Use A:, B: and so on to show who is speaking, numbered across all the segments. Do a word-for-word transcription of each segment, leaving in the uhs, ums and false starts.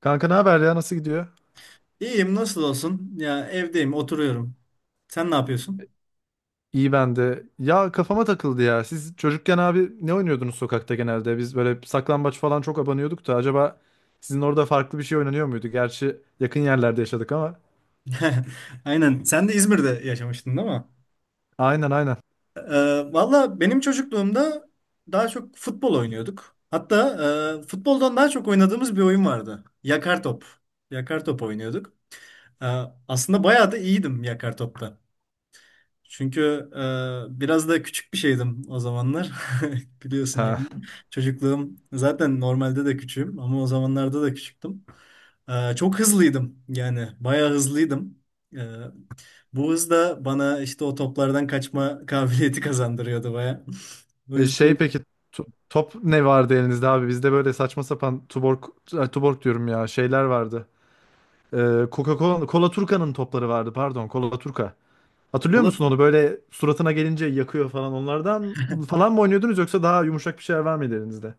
A: Kanka ne haber ya nasıl gidiyor?
B: İyiyim nasıl olsun? Ya evdeyim oturuyorum. Sen ne yapıyorsun?
A: İyi ben de. Ya kafama takıldı ya. Siz çocukken abi ne oynuyordunuz sokakta genelde? Biz böyle saklambaç falan çok abanıyorduk da acaba sizin orada farklı bir şey oynanıyor muydu? Gerçi yakın yerlerde yaşadık ama.
B: Aynen. Sen de İzmir'de yaşamıştın değil mi?
A: Aynen aynen.
B: Ee, valla benim çocukluğumda daha çok futbol oynuyorduk. Hatta e, futboldan daha çok oynadığımız bir oyun vardı. Yakar top. Yakar top oynuyorduk. Ee, aslında bayağı da iyiydim yakar topta. Çünkü e, biraz da küçük bir şeydim o zamanlar. Biliyorsun
A: Ha.
B: yani çocukluğum zaten normalde de küçüğüm ama o zamanlarda da küçüktüm. E, çok hızlıydım yani bayağı hızlıydım. E, bu hız da bana işte o toplardan kaçma kabiliyeti kazandırıyordu bayağı. O
A: E, şey
B: yüzden
A: peki tu- top ne vardı elinizde abi? Bizde böyle saçma sapan tuborg, ay, tuborg diyorum ya şeyler vardı. E, Coca-Cola, Cola Turca'nın topları vardı pardon Cola Turca. Hatırlıyor
B: kola,
A: musun onu böyle suratına gelince yakıyor falan onlardan falan mı oynuyordunuz yoksa daha yumuşak bir şeyler var mıydı elinizde?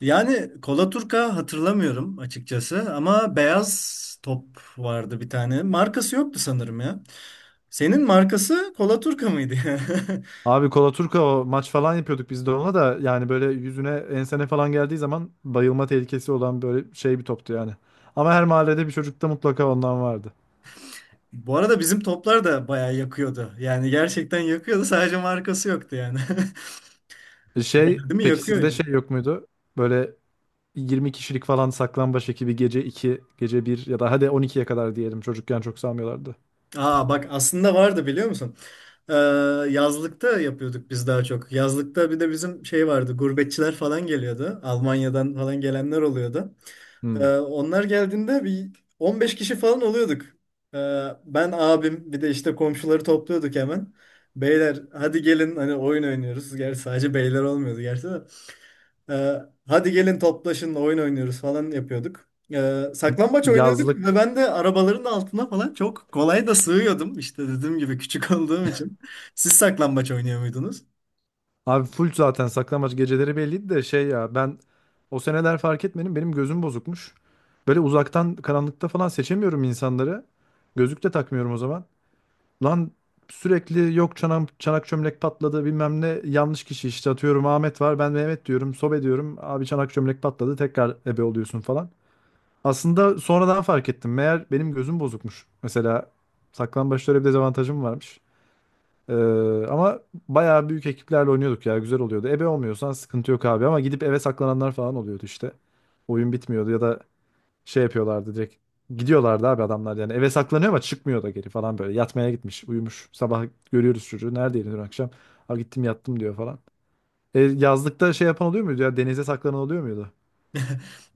B: yani kola turka hatırlamıyorum açıkçası ama beyaz top vardı bir tane. Markası yoktu sanırım ya. Senin markası kola turka mıydı?
A: Abi Kola Turka maç falan yapıyorduk biz de ona da yani böyle yüzüne ensene falan geldiği zaman bayılma tehlikesi olan böyle şey bir toptu yani. Ama her mahallede bir çocukta mutlaka ondan vardı.
B: Bu arada bizim toplar da bayağı yakıyordu. Yani gerçekten yakıyordu. Sadece markası yoktu yani.
A: E Şey
B: Değil mi?
A: peki
B: Yakıyor
A: sizde
B: yani.
A: şey yok muydu? Böyle yirmi kişilik falan saklambaç ekibi gece iki gece bir ya da hadi on ikiye kadar diyelim çocukken çok salmıyorlardı.
B: Aa, bak aslında vardı biliyor musun? Ee, yazlıkta yapıyorduk biz daha çok. Yazlıkta bir de bizim şey vardı. Gurbetçiler falan geliyordu. Almanya'dan falan gelenler oluyordu. Ee,
A: Hmm.
B: onlar geldiğinde bir on beş kişi falan oluyorduk. Ee, ben abim bir de işte komşuları topluyorduk hemen. Beyler hadi gelin hani oyun oynuyoruz. Gerçi sadece beyler olmuyordu gerçi de. Ee, hadi gelin toplaşın oyun oynuyoruz falan yapıyorduk. Ee, saklambaç oynuyorduk ve
A: Yazlık
B: ben de arabaların altına falan çok kolay da sığıyordum. İşte dediğim gibi küçük olduğum için. Siz saklambaç oynuyor muydunuz?
A: Abi full zaten saklambaç geceleri belliydi de şey ya ben o seneler fark etmedim benim gözüm bozukmuş. Böyle uzaktan karanlıkta falan seçemiyorum insanları. Gözlük de takmıyorum o zaman. Lan sürekli yok çanak, çanak çömlek patladı bilmem ne yanlış kişi işte atıyorum Ahmet var ben Mehmet diyorum sobe diyorum abi çanak çömlek patladı tekrar ebe oluyorsun falan. Aslında sonradan fark ettim meğer benim gözüm bozukmuş. Mesela saklambaçta öyle bir dezavantajım varmış. Ee, ama bayağı büyük ekiplerle oynuyorduk ya güzel oluyordu. Ebe olmuyorsan sıkıntı yok abi ama gidip eve saklananlar falan oluyordu işte. Oyun bitmiyordu ya da şey yapıyorlardı direkt. Gidiyorlardı abi adamlar yani eve saklanıyor ama çıkmıyor da geri falan böyle. Yatmaya gitmiş uyumuş sabah görüyoruz çocuğu neredeydin dün akşam. Ha gittim yattım diyor falan. E, yazlıkta şey yapan oluyor muydu ya denize saklanan oluyor muydu?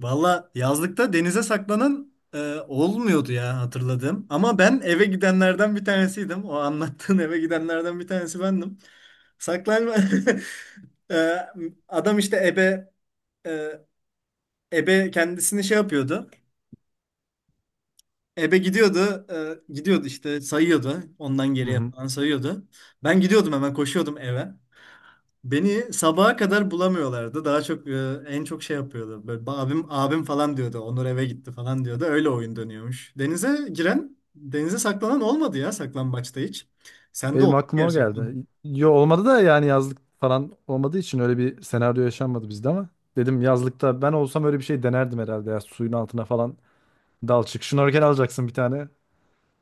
B: Valla yazlıkta denize saklanan e, olmuyordu ya hatırladığım. Ama ben eve gidenlerden bir tanesiydim. O anlattığın eve gidenlerden bir tanesi bendim. Saklanma... Ee, adam işte ebe e, ebe kendisini şey yapıyordu. Ebe gidiyordu. E, gidiyordu işte sayıyordu. Ondan
A: Hı
B: geriye
A: hı.
B: falan sayıyordu. Ben gidiyordum hemen koşuyordum eve. Beni sabaha kadar bulamıyorlardı. Daha çok e, en çok şey yapıyordu. Böyle abim abim falan diyordu. Onur eve gitti falan diyordu. Öyle oyun dönüyormuş. Denize giren, denize saklanan olmadı ya saklambaçta hiç. Sen de
A: Benim
B: oldu mu
A: aklıma o
B: gerçekten.
A: geldi. Yo olmadı da yani yazlık falan olmadığı için öyle bir senaryo yaşanmadı bizde ama dedim yazlıkta ben olsam öyle bir şey denerdim herhalde ya suyun altına falan dal çık. Şnorkel alacaksın bir tane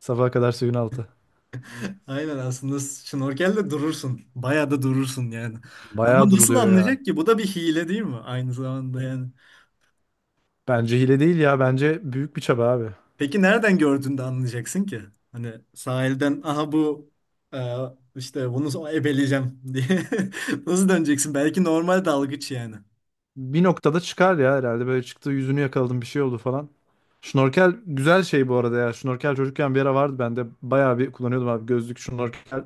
A: sabaha kadar suyun altı.
B: Aynen, aslında şnorkelde durursun. Bayağı da durursun yani. Ama
A: Bayağı
B: nasıl
A: duruluyor ya.
B: anlayacak ki? Bu da bir hile değil mi? Aynı zamanda yani.
A: Bence hile değil ya bence büyük bir çaba abi.
B: Peki nereden gördüğünde anlayacaksın ki? Hani sahilden aha bu e, işte bunu so, ebeleyeceğim diye nasıl döneceksin? Belki normal dalgıç yani.
A: Bir noktada çıkar ya herhalde böyle çıktı yüzünü yakaladım bir şey oldu falan. Şnorkel güzel şey bu arada ya. Şnorkel çocukken bir ara vardı bende. Bayağı bir kullanıyordum abi. Gözlük şnorkel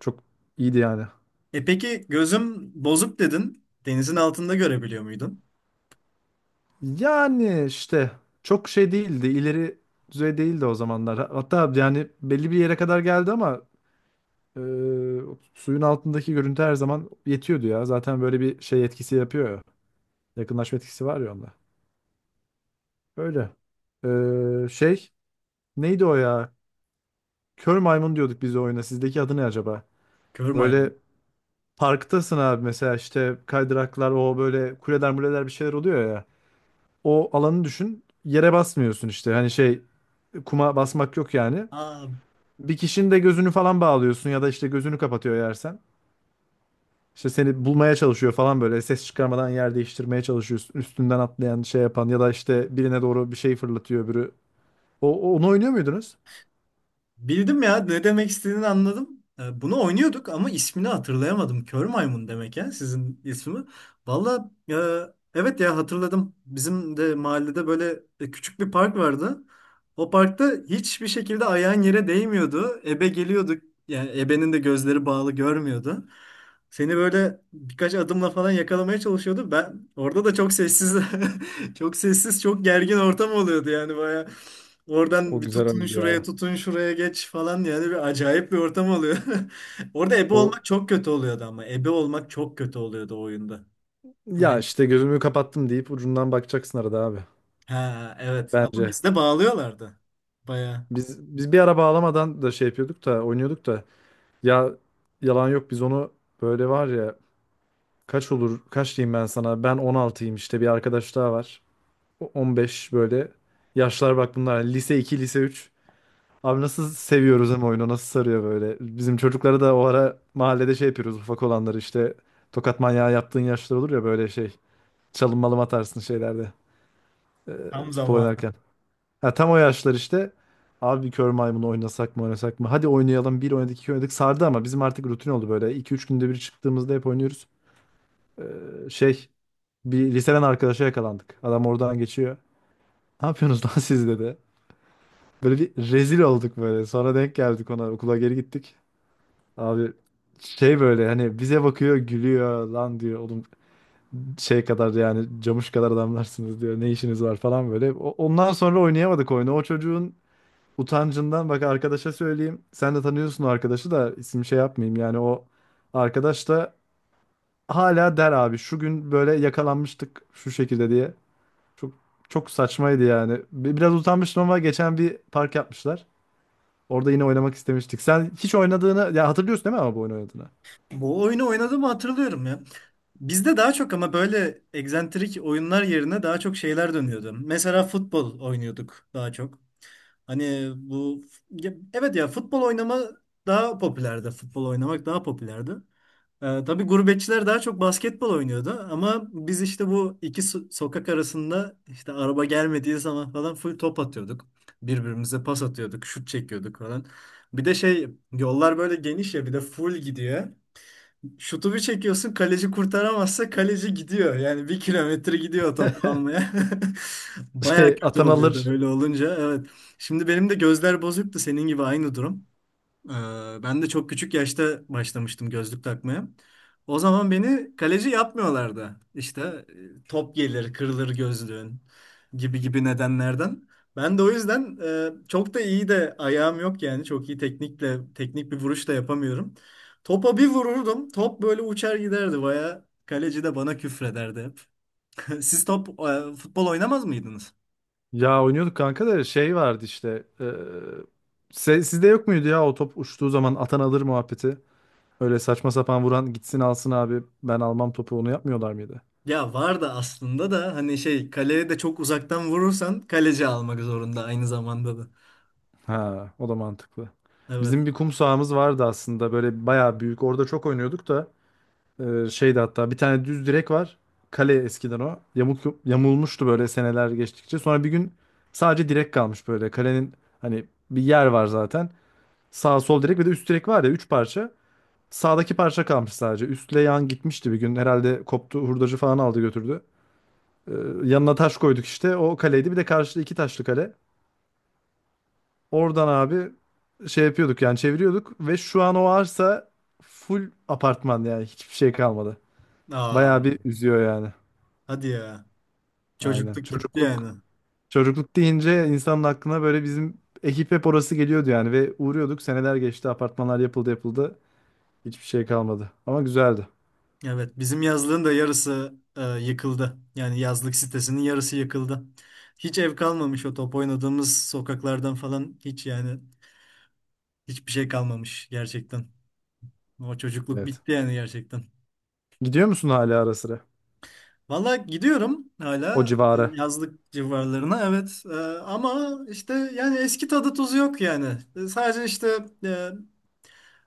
A: çok iyiydi yani.
B: E peki gözüm bozuk dedin. Denizin altında görebiliyor muydun?
A: Yani işte çok şey değildi, ileri düzey değildi o zamanlar. Hatta yani belli bir yere kadar geldi ama e, suyun altındaki görüntü her zaman yetiyordu ya. Zaten böyle bir şey etkisi yapıyor ya. Yakınlaşma etkisi var ya onda. Öyle. E, şey neydi o ya? Kör maymun diyorduk biz o oyuna. Sizdeki adı ne acaba?
B: Kör maymun.
A: Böyle parktasın abi mesela işte kaydıraklar o böyle kuleler muleler bir şeyler oluyor ya. O alanı düşün. Yere basmıyorsun işte. Hani şey kuma basmak yok yani.
B: Aa,
A: Bir kişinin de gözünü falan bağlıyorsun ya da işte gözünü kapatıyor yersen. İşte seni bulmaya çalışıyor falan böyle ses çıkarmadan yer değiştirmeye çalışıyorsun. Üstünden atlayan şey yapan ya da işte birine doğru bir şey fırlatıyor öbürü. O, o- onu oynuyor muydunuz?
B: bildim ya ne demek istediğini anladım. E, Bunu oynuyorduk ama ismini hatırlayamadım. Kör maymun demek ya sizin ismi. Valla e, evet ya hatırladım. Bizim de mahallede böyle e, küçük bir park vardı. O parkta hiçbir şekilde ayağın yere değmiyordu. Ebe geliyordu. Yani ebenin de gözleri bağlı görmüyordu. Seni böyle birkaç adımla falan yakalamaya çalışıyordu. Ben orada da çok sessiz, çok sessiz, çok gergin ortam oluyordu yani baya. Oradan
A: O
B: bir
A: güzel
B: tutun
A: oyundu
B: şuraya
A: ya.
B: tutun şuraya geç falan yani bir acayip bir ortam oluyor. Orada ebe
A: O
B: olmak çok kötü oluyordu ama ebe olmak çok kötü oluyordu o oyunda.
A: ya
B: Ben
A: işte gözümü kapattım deyip ucundan bakacaksın arada abi.
B: ha, evet, ama
A: Bence.
B: bizde bağlıyorlardı. Baya
A: Biz biz bir ara bağlamadan da şey yapıyorduk da oynuyorduk da ya yalan yok biz onu böyle var ya kaç olur kaç diyeyim ben sana ben on altıyım işte bir arkadaş daha var. on beş böyle yaşlar bak bunlar yani lise iki lise üç abi nasıl seviyoruz hem oyunu nasıl sarıyor böyle bizim çocukları da o ara mahallede şey yapıyoruz ufak olanları işte tokat manyağı yaptığın yaşlar olur ya böyle şey çalım malım atarsın şeylerde e,
B: tam
A: futbol
B: zamanı.
A: oynarken ha, tam o yaşlar işte abi kör maymunu oynasak mı oynasak mı hadi oynayalım bir oynadık iki oynadık sardı ama bizim artık rutin oldu böyle iki üç günde bir çıktığımızda hep oynuyoruz. E, şey bir liseden arkadaşa yakalandık adam oradan geçiyor ne yapıyorsunuz lan siz dedi. Böyle bir rezil olduk böyle. Sonra denk geldik ona okula geri gittik. Abi şey böyle hani bize bakıyor gülüyor lan diyor oğlum şey kadar yani camış kadar adamlarsınız diyor ne işiniz var falan böyle. O- ondan sonra oynayamadık oyunu. O çocuğun utancından bak arkadaşa söyleyeyim. Sen de tanıyorsun o arkadaşı da isim şey yapmayayım yani o arkadaş da hala der abi şu gün böyle yakalanmıştık şu şekilde diye. Çok çok saçmaydı yani. Bi- Biraz utanmıştım ama geçen bir park yapmışlar. Orada yine oynamak istemiştik. Sen hiç oynadığını ya hatırlıyorsun değil mi ama bu oyunu oynadığını?
B: Bu oyunu oynadığımı hatırlıyorum ya. Bizde daha çok ama böyle egzantrik oyunlar yerine daha çok şeyler dönüyordu. Mesela futbol oynuyorduk daha çok. Hani bu ya- evet ya futbol oynama daha popülerdi. Futbol oynamak daha popülerdi. Ee, tabii gurbetçiler daha çok basketbol oynuyordu ama biz işte bu iki so- sokak arasında işte araba gelmediği zaman falan full top atıyorduk. Birbirimize pas atıyorduk, şut çekiyorduk falan. Bir de şey yollar böyle geniş ya bir de full gidiyor. Şutu bir çekiyorsun kaleci kurtaramazsa kaleci gidiyor. Yani bir kilometre gidiyor topu almaya. Baya
A: Şey
B: kötü oluyordu
A: Atanalar
B: öyle olunca, evet. Şimdi benim de gözler bozuktu senin gibi, aynı durum. Ee, Ben de çok küçük yaşta başlamıştım gözlük takmaya. O zaman beni kaleci yapmıyorlardı. İşte e, top gelir, kırılır gözlüğün gibi gibi nedenlerden. Ben de o yüzden e, çok da iyi de ayağım yok yani. Çok iyi teknikle, teknik bir vuruş da yapamıyorum. Topa bir vururdum. Top böyle uçar giderdi. Baya kaleci de bana küfrederdi hep. Siz top e, futbol oynamaz mıydınız?
A: ya oynuyorduk kanka da şey vardı işte. e, se- sizde yok muydu ya o top uçtuğu zaman atan alır muhabbeti? Öyle saçma sapan vuran gitsin alsın abi ben almam topu onu yapmıyorlar mıydı?
B: Ya var da aslında da hani şey kaleye de çok uzaktan vurursan kaleci almak zorunda aynı zamanda da.
A: Ha o da mantıklı.
B: Evet.
A: Bizim bir kum sahamız vardı aslında böyle bayağı büyük orada çok oynuyorduk da Ee, şeydi hatta bir tane düz direk var. Kale eskiden o. Yamuk, yamulmuştu böyle seneler geçtikçe. Sonra bir gün sadece direk kalmış böyle. Kalenin hani bir yer var zaten. Sağ sol direk ve de üst direk var ya üç parça. Sağdaki parça kalmış sadece. Üstle yan gitmişti bir gün. Herhalde koptu hurdacı falan aldı götürdü. Ee, yanına taş koyduk işte. O kaleydi. Bir de karşıda iki taşlı kale. Oradan abi şey yapıyorduk yani çeviriyorduk. Ve şu an o arsa full apartman yani. Hiçbir şey kalmadı.
B: Aa,
A: Bayağı bir üzüyor yani.
B: hadi ya.
A: Aynen.
B: Çocukluk gitti
A: Çocukluk
B: yani.
A: çocukluk deyince insanın aklına böyle bizim ekip hep orası geliyordu yani ve uğruyorduk. Seneler geçti, apartmanlar yapıldı yapıldı. Hiçbir şey kalmadı. Ama güzeldi.
B: Evet, bizim yazlığın da yarısı e, yıkıldı. Yani yazlık sitesinin yarısı yıkıldı. Hiç ev kalmamış, o top oynadığımız sokaklardan falan hiç yani hiçbir şey kalmamış gerçekten. O çocukluk
A: Evet.
B: bitti yani gerçekten.
A: Gidiyor musun hala ara sıra?
B: Valla gidiyorum
A: O
B: hala e,
A: civara.
B: yazlık civarlarına, evet. E, ama işte yani eski tadı tuzu yok yani. E, Sadece işte e,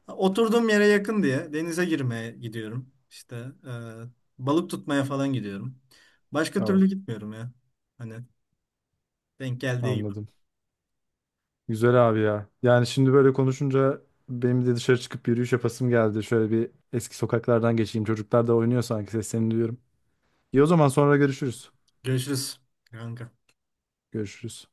B: oturduğum yere yakın diye denize girmeye gidiyorum. İşte e, balık tutmaya falan gidiyorum. Başka
A: Oh,
B: türlü gitmiyorum ya. Hani denk geldiği gibi.
A: anladım. Güzel abi ya. Yani şimdi böyle konuşunca benim de dışarı çıkıp yürüyüş yapasım geldi. Şöyle bir eski sokaklardan geçeyim. Çocuklar da oynuyor sanki seslerini duyuyorum. İyi o zaman sonra görüşürüz.
B: Görüşürüz kanka.
A: Görüşürüz.